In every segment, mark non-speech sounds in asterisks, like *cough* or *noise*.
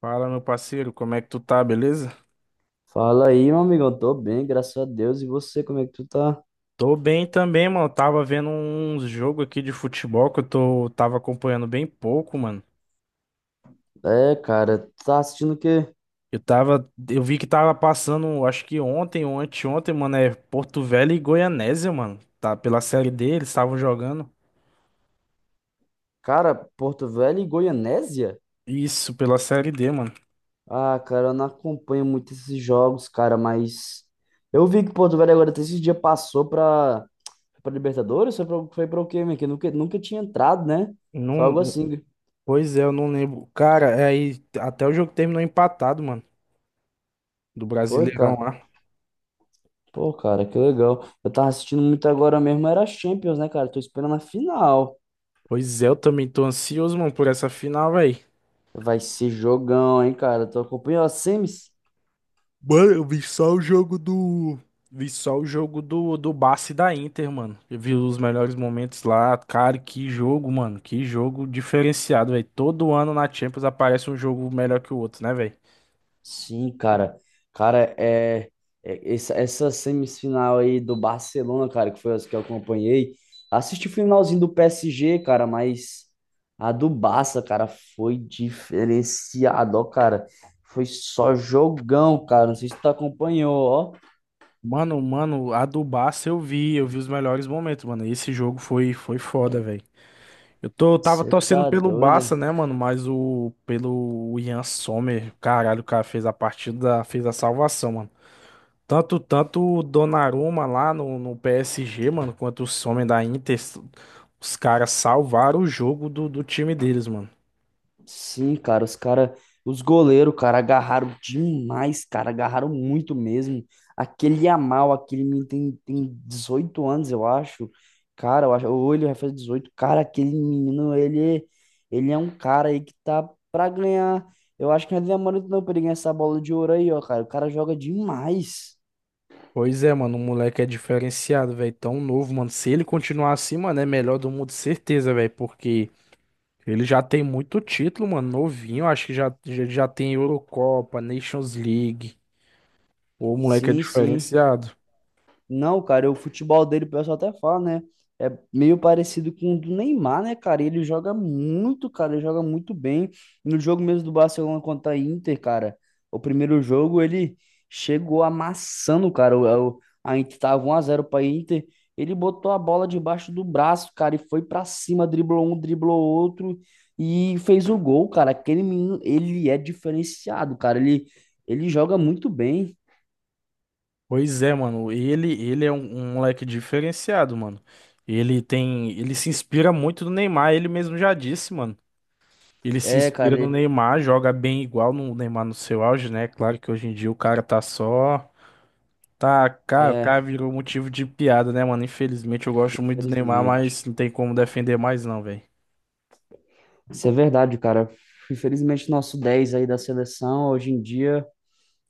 Fala, meu parceiro, como é que tu tá, beleza? Fala aí, meu amigão. Tô bem, graças a Deus. E você, como é que tu tá? Tô bem também, mano. Tava vendo uns jogos aqui de futebol que tava acompanhando bem pouco, mano. É, cara, tu tá assistindo o quê? Eu vi que tava passando, acho que ontem ou anteontem, mano, é Porto Velho e Goianésia, mano. Tá pela Série D, eles estavam jogando. Cara, Porto Velho e Goianésia? Isso, pela Série D, mano. Ah, cara, eu não acompanho muito esses jogos, cara, mas eu vi que Porto Velho agora até esse dia passou pra, pra Libertadores. Foi pra o quê, meu? Que nunca tinha entrado, né? Foi algo Não, assim. pois é, eu não lembro. Cara, é aí até o jogo terminou empatado, mano, do Foi, Brasileirão cara. lá. Pô, cara, que legal. Eu tava assistindo muito agora mesmo, era Champions, né, cara? Tô esperando a final. Pois é, eu também tô ansioso, mano, por essa final, velho. Vai ser jogão, hein, cara? Tô acompanhando as semis. Mano, eu vi só o jogo do. Vi só o jogo do Barça e da Inter, mano. Eu vi os melhores momentos lá. Cara, que jogo, mano. Que jogo diferenciado, velho. Todo ano na Champions aparece um jogo melhor que o outro, né, velho? Sim, cara. Cara, é, essa, essa semifinal aí do Barcelona, cara, que foi as que eu acompanhei. Assisti o finalzinho do PSG, cara, mas a do Barça, cara, foi diferenciado, ó, cara. Foi só jogão, cara. Não sei se tu acompanhou, ó. Mano, mano, a do Barça eu vi. Eu vi os melhores momentos, mano. Esse jogo foi foda, velho. Eu tava Você torcendo tá pelo doido? Barça, né, mano? Mas o. Pelo Ian Sommer, caralho, o cara fez a partida, fez a salvação, mano. Tanto, tanto o Donnarumma lá no PSG, mano, quanto o homens da Inter, os caras salvaram o jogo do time deles, mano. Sim, cara, os goleiros, cara, agarraram demais, cara, agarraram muito mesmo. Aquele Yamal, aquele menino tem 18 anos, eu acho. Cara, eu acho, ou ele vai fazer dezoito. Cara, aquele menino, ele é um cara aí que tá pra ganhar. Eu acho que não é demorando não pra ele ganhar essa bola de ouro aí, ó, cara. O cara joga demais. Pois é, mano, o moleque é diferenciado, velho, tão novo, mano. Se ele continuar assim, mano, é melhor do mundo, certeza, velho, porque ele já tem muito título, mano, novinho, acho que já tem Eurocopa, Nations League. O moleque é Sim, sim. diferenciado. Não, cara, o futebol dele, o pessoal até fala, né? É meio parecido com o do Neymar, né, cara? Ele joga muito, cara, ele joga muito bem. No jogo mesmo do Barcelona contra a Inter, cara, o primeiro jogo ele chegou amassando, cara. A Inter tava 1x0 pra Inter. Ele botou a bola debaixo do braço, cara, e foi pra cima, driblou um, driblou outro e fez o gol, cara. Aquele menino, ele é diferenciado, cara. Ele joga muito bem. Pois é, mano. Ele é um moleque diferenciado, mano. Ele se inspira muito no Neymar, ele mesmo já disse, mano. Ele se É, inspira cara, no ele. Neymar, joga bem igual no Neymar no seu auge, né? Claro que hoje em dia o cara tá só, tá, cara, o é, cara virou motivo de piada, né, mano? Infelizmente eu gosto muito do Neymar, Infelizmente. mas não tem como defender mais não, velho. Isso é verdade, cara. Infelizmente, nosso 10 aí da seleção, hoje em dia,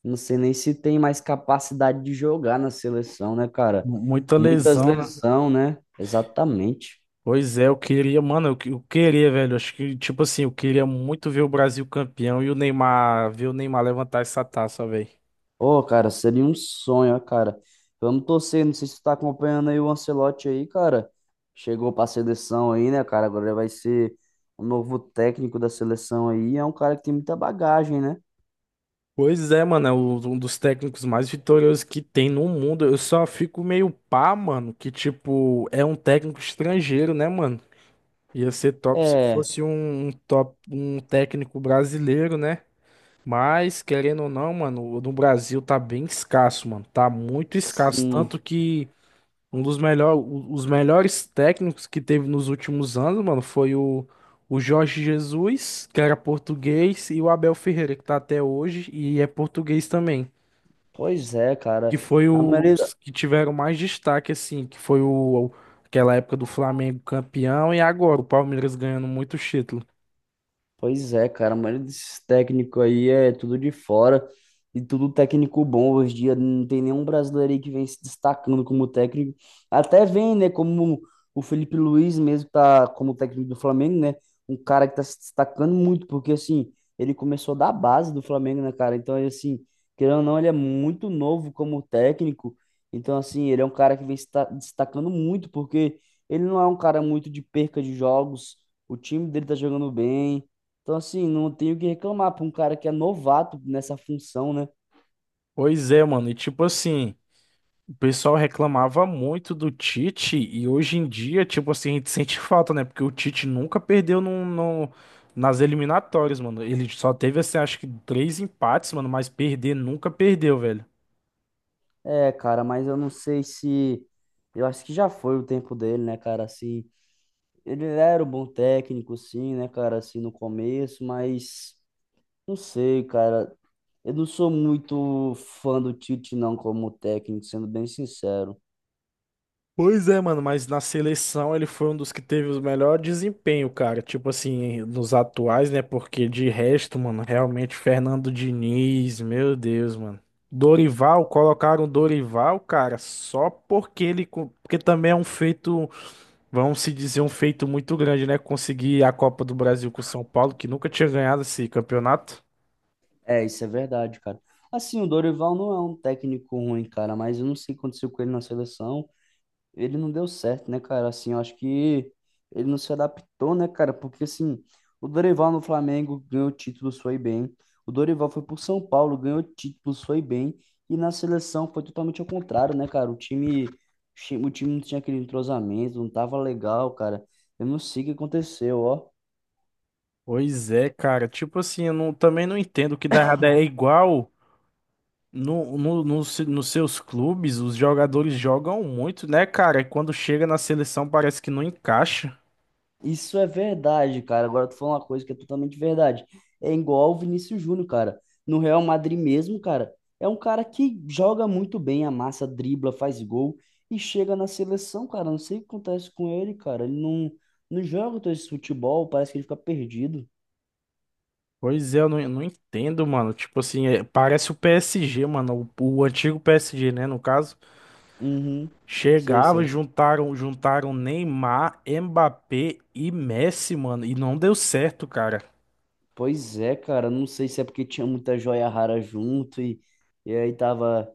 não sei nem se tem mais capacidade de jogar na seleção, né, cara? Muita Muitas lesão, né? lesão, né? Exatamente. Pois é, eu queria, mano, eu queria, velho. Acho que, tipo assim, eu queria muito ver o Brasil campeão e o Neymar, ver o Neymar levantar essa taça, velho. Ô, cara, seria um sonho, ó, cara. Vamos torcer, não sei se tu tá acompanhando aí o Ancelotti aí, cara. Chegou pra seleção aí, né, cara? Agora ele vai ser o novo técnico da seleção aí. É um cara que tem muita bagagem, né? Pois é, mano, é o- um dos técnicos mais vitoriosos que tem no mundo. Eu só fico meio pá, mano, que tipo, é um técnico estrangeiro, né, mano? Ia ser top se É, fosse um, um top, um técnico brasileiro, né? Mas, querendo ou não, mano, o do Brasil tá bem escasso, mano. Tá muito escasso. sim. Tanto que um dos melhor, os melhores técnicos que teve nos últimos anos, mano, foi o, Jorge Jesus, que era português, e o Abel Ferreira, que tá até hoje e é português também, Pois é, que cara. foi A maioria. os que tiveram mais destaque, assim, que foi o, aquela época do Flamengo campeão e agora o Palmeiras ganhando muito título. Pois é, cara, a maioria desses técnicos aí é tudo de fora e tudo técnico bom. Hoje em dia não tem nenhum brasileiro aí que vem se destacando como técnico. Até vem, né, como o Felipe Luiz mesmo tá como técnico do Flamengo, né? Um cara que tá se destacando muito, porque assim, ele começou da base do Flamengo, né, cara? Então, ele, assim, querendo ou não, ele é muito novo como técnico. Então, assim, ele é um cara que vem se ta- destacando muito, porque ele não é um cara muito de perca de jogos. O time dele tá jogando bem. Então, assim, não tenho o que reclamar para um cara que é novato nessa função, né? Pois é, mano, e tipo assim, o pessoal reclamava muito do Tite e hoje em dia, tipo assim, a gente sente falta, né? Porque o Tite nunca perdeu nas eliminatórias, mano. Ele só teve, assim, acho que três empates, mano, mas perder nunca perdeu, velho. É, cara, mas eu não sei se. Eu acho que já foi o tempo dele, né, cara? Assim, ele era um bom técnico, sim, né, cara? Assim, no começo, mas. Não sei, cara. Eu não sou muito fã do Tite, não, como técnico, sendo bem sincero. Pois é, mano, mas na seleção ele foi um dos que teve o melhor desempenho, cara. Tipo assim, nos atuais, né? Porque de resto, mano, realmente Fernando Diniz, meu Deus, mano. Dorival, colocaram o Dorival, cara, só porque ele. Porque também é um feito, vamos se dizer, um feito muito grande, né? Conseguir a Copa do Brasil com o São Paulo, que nunca tinha ganhado esse campeonato. É, isso é verdade, cara. Assim, o Dorival não é um técnico ruim, cara, mas eu não sei o que aconteceu com ele na seleção. Ele não deu certo, né, cara? Assim, eu acho que ele não se adaptou, né, cara? Porque, assim, o Dorival no Flamengo ganhou títulos, foi bem. O Dorival foi pro São Paulo, ganhou títulos, foi bem. E na seleção foi totalmente ao contrário, né, cara? O time não tinha aquele entrosamento, não tava legal, cara. Eu não sei o que aconteceu, ó. Pois é, cara. Tipo assim, eu não- também não entendo o que dá errado. É igual. No, nos seus clubes, os jogadores jogam muito, né, cara? E quando chega na seleção parece que não encaixa. Isso é verdade, cara. Agora tu falou uma coisa que é totalmente verdade. É igual o Vinícius Júnior, cara. No Real Madrid mesmo, cara, é um cara que joga muito bem, amassa, dribla, faz gol e chega na seleção, cara. Não sei o que acontece com ele, cara. Ele não, não joga todo esse futebol, parece que ele fica perdido. Pois é, eu não entendo, mano. Tipo assim, é, parece o PSG, mano. O antigo PSG, né, no caso. Uhum. Sei, Chegava, sei. juntaram Neymar, Mbappé e Messi, mano. E não deu certo, cara. Pois é, cara, não sei se é porque tinha muita joia rara junto e aí tava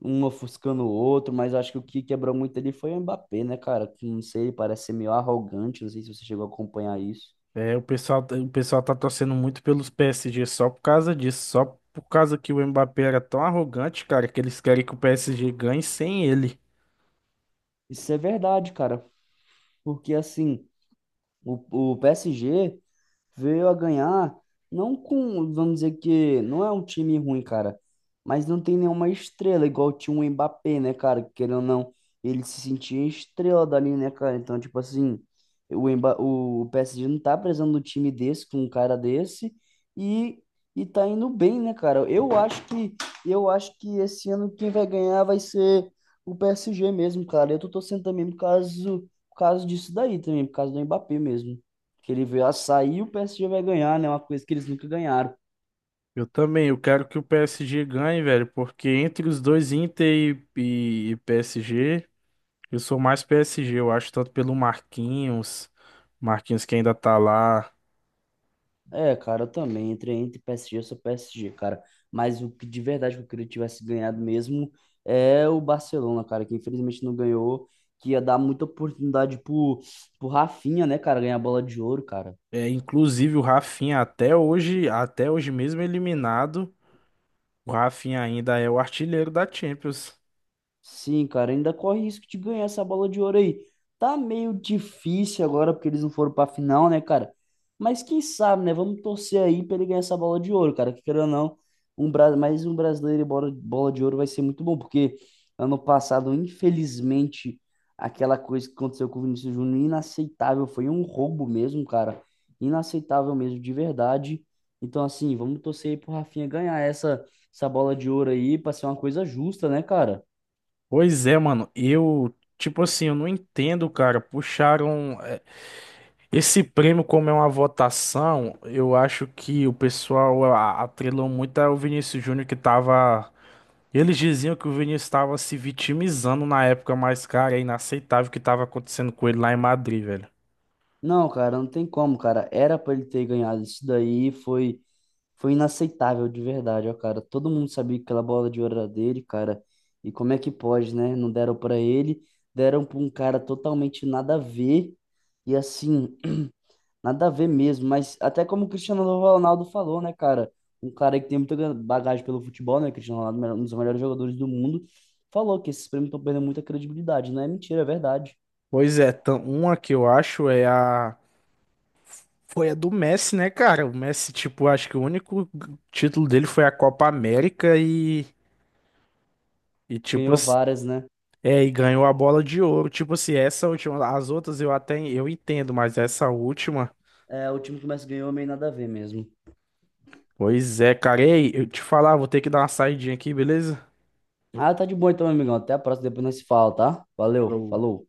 um ofuscando o outro, mas acho que o que quebrou muito ali foi o Mbappé, né, cara? Que não sei, parece ser meio arrogante, não sei se você chegou a acompanhar isso. É, o pessoal tá torcendo muito pelos PSG só por causa disso. Só por causa que o Mbappé era tão arrogante, cara, que eles querem que o PSG ganhe sem ele. Isso é verdade, cara, porque assim. O PSG veio a ganhar, não com, vamos dizer que não é um time ruim, cara, mas não tem nenhuma estrela, igual tinha o Mbappé, né, cara? Querendo ou não, ele se sentia estrela dali, né, cara? Então, tipo assim, o PSG não tá precisando de um time desse, com um cara desse, e, e tá indo bem, né, cara? Eu acho que esse ano quem vai ganhar vai ser o PSG mesmo, cara. Eu tô torcendo também por causa disso daí também, por causa do Mbappé mesmo. Que ele veio a sair e o PSG vai ganhar, né? Uma coisa que eles nunca ganharam. Eu também, eu quero que o PSG ganhe, velho, porque entre os dois Inter e, e PSG, eu sou mais PSG, eu acho, tanto pelo Marquinhos, Marquinhos que ainda tá lá, É, cara, eu também. Entre PSG, eu sou PSG, cara. Mas o que de verdade que eu queria que tivesse ganhado mesmo é o Barcelona, cara, que infelizmente não ganhou, que ia dar muita oportunidade pro, pro Rafinha, né, cara, ganhar a bola de ouro, cara. é, inclusive o Rafinha até hoje mesmo eliminado, o Rafinha ainda é o artilheiro da Champions. Sim, cara, ainda corre risco de ganhar essa bola de ouro aí. Tá meio difícil agora porque eles não foram pra final, né, cara? Mas quem sabe, né? Vamos torcer aí pra ele ganhar essa bola de ouro, cara. Que queira ou não, mais um brasileiro e bola de ouro vai ser muito bom, porque ano passado, infelizmente, aquela coisa que aconteceu com o Vinícius Júnior, inaceitável, foi um roubo mesmo, cara. Inaceitável mesmo, de verdade. Então, assim, vamos torcer aí pro Rafinha ganhar essa, essa bola de ouro aí pra ser uma coisa justa, né, cara? Pois é, mano, eu, tipo assim, eu não entendo, cara, puxaram. É, esse prêmio, como é uma votação, eu acho que o pessoal atrelou muito ao Vinícius Júnior que tava. Eles diziam que o Vinícius estava se vitimizando na época, mas, cara, é inaceitável o que estava acontecendo com ele lá em Madrid, velho. Não, cara, não tem como, cara. Era pra ele ter ganhado isso daí, foi inaceitável de verdade, ó, cara. Todo mundo sabia que aquela bola de ouro era dele, cara. E como é que pode, né? Não deram pra ele, deram pra um cara totalmente nada a ver. E assim, *clears throat* nada a ver mesmo, mas até como o Cristiano Ronaldo falou, né, cara? Um cara que tem muita bagagem pelo futebol, né? Cristiano Ronaldo, um dos melhores jogadores do mundo, falou que esses prêmios estão perdendo muita credibilidade, não é mentira, é verdade. Pois é, uma que eu acho é a. Foi a do Messi, né, cara? O Messi, tipo, acho que o único título dele foi a Copa América e. E, tipo, Ganhou assim, várias, né? é, e ganhou a bola de ouro. Tipo assim, essa última. As outras eu até eu entendo, mas essa última. É, o time que o Messi ganhou meio nada a ver mesmo. Pois é, cara. Ei, eu te falar, vou ter que dar uma saidinha aqui, beleza? Ah, tá de boa então, meu amigão. Até a próxima, depois nós se fala, tá? Valeu, Falou. falou.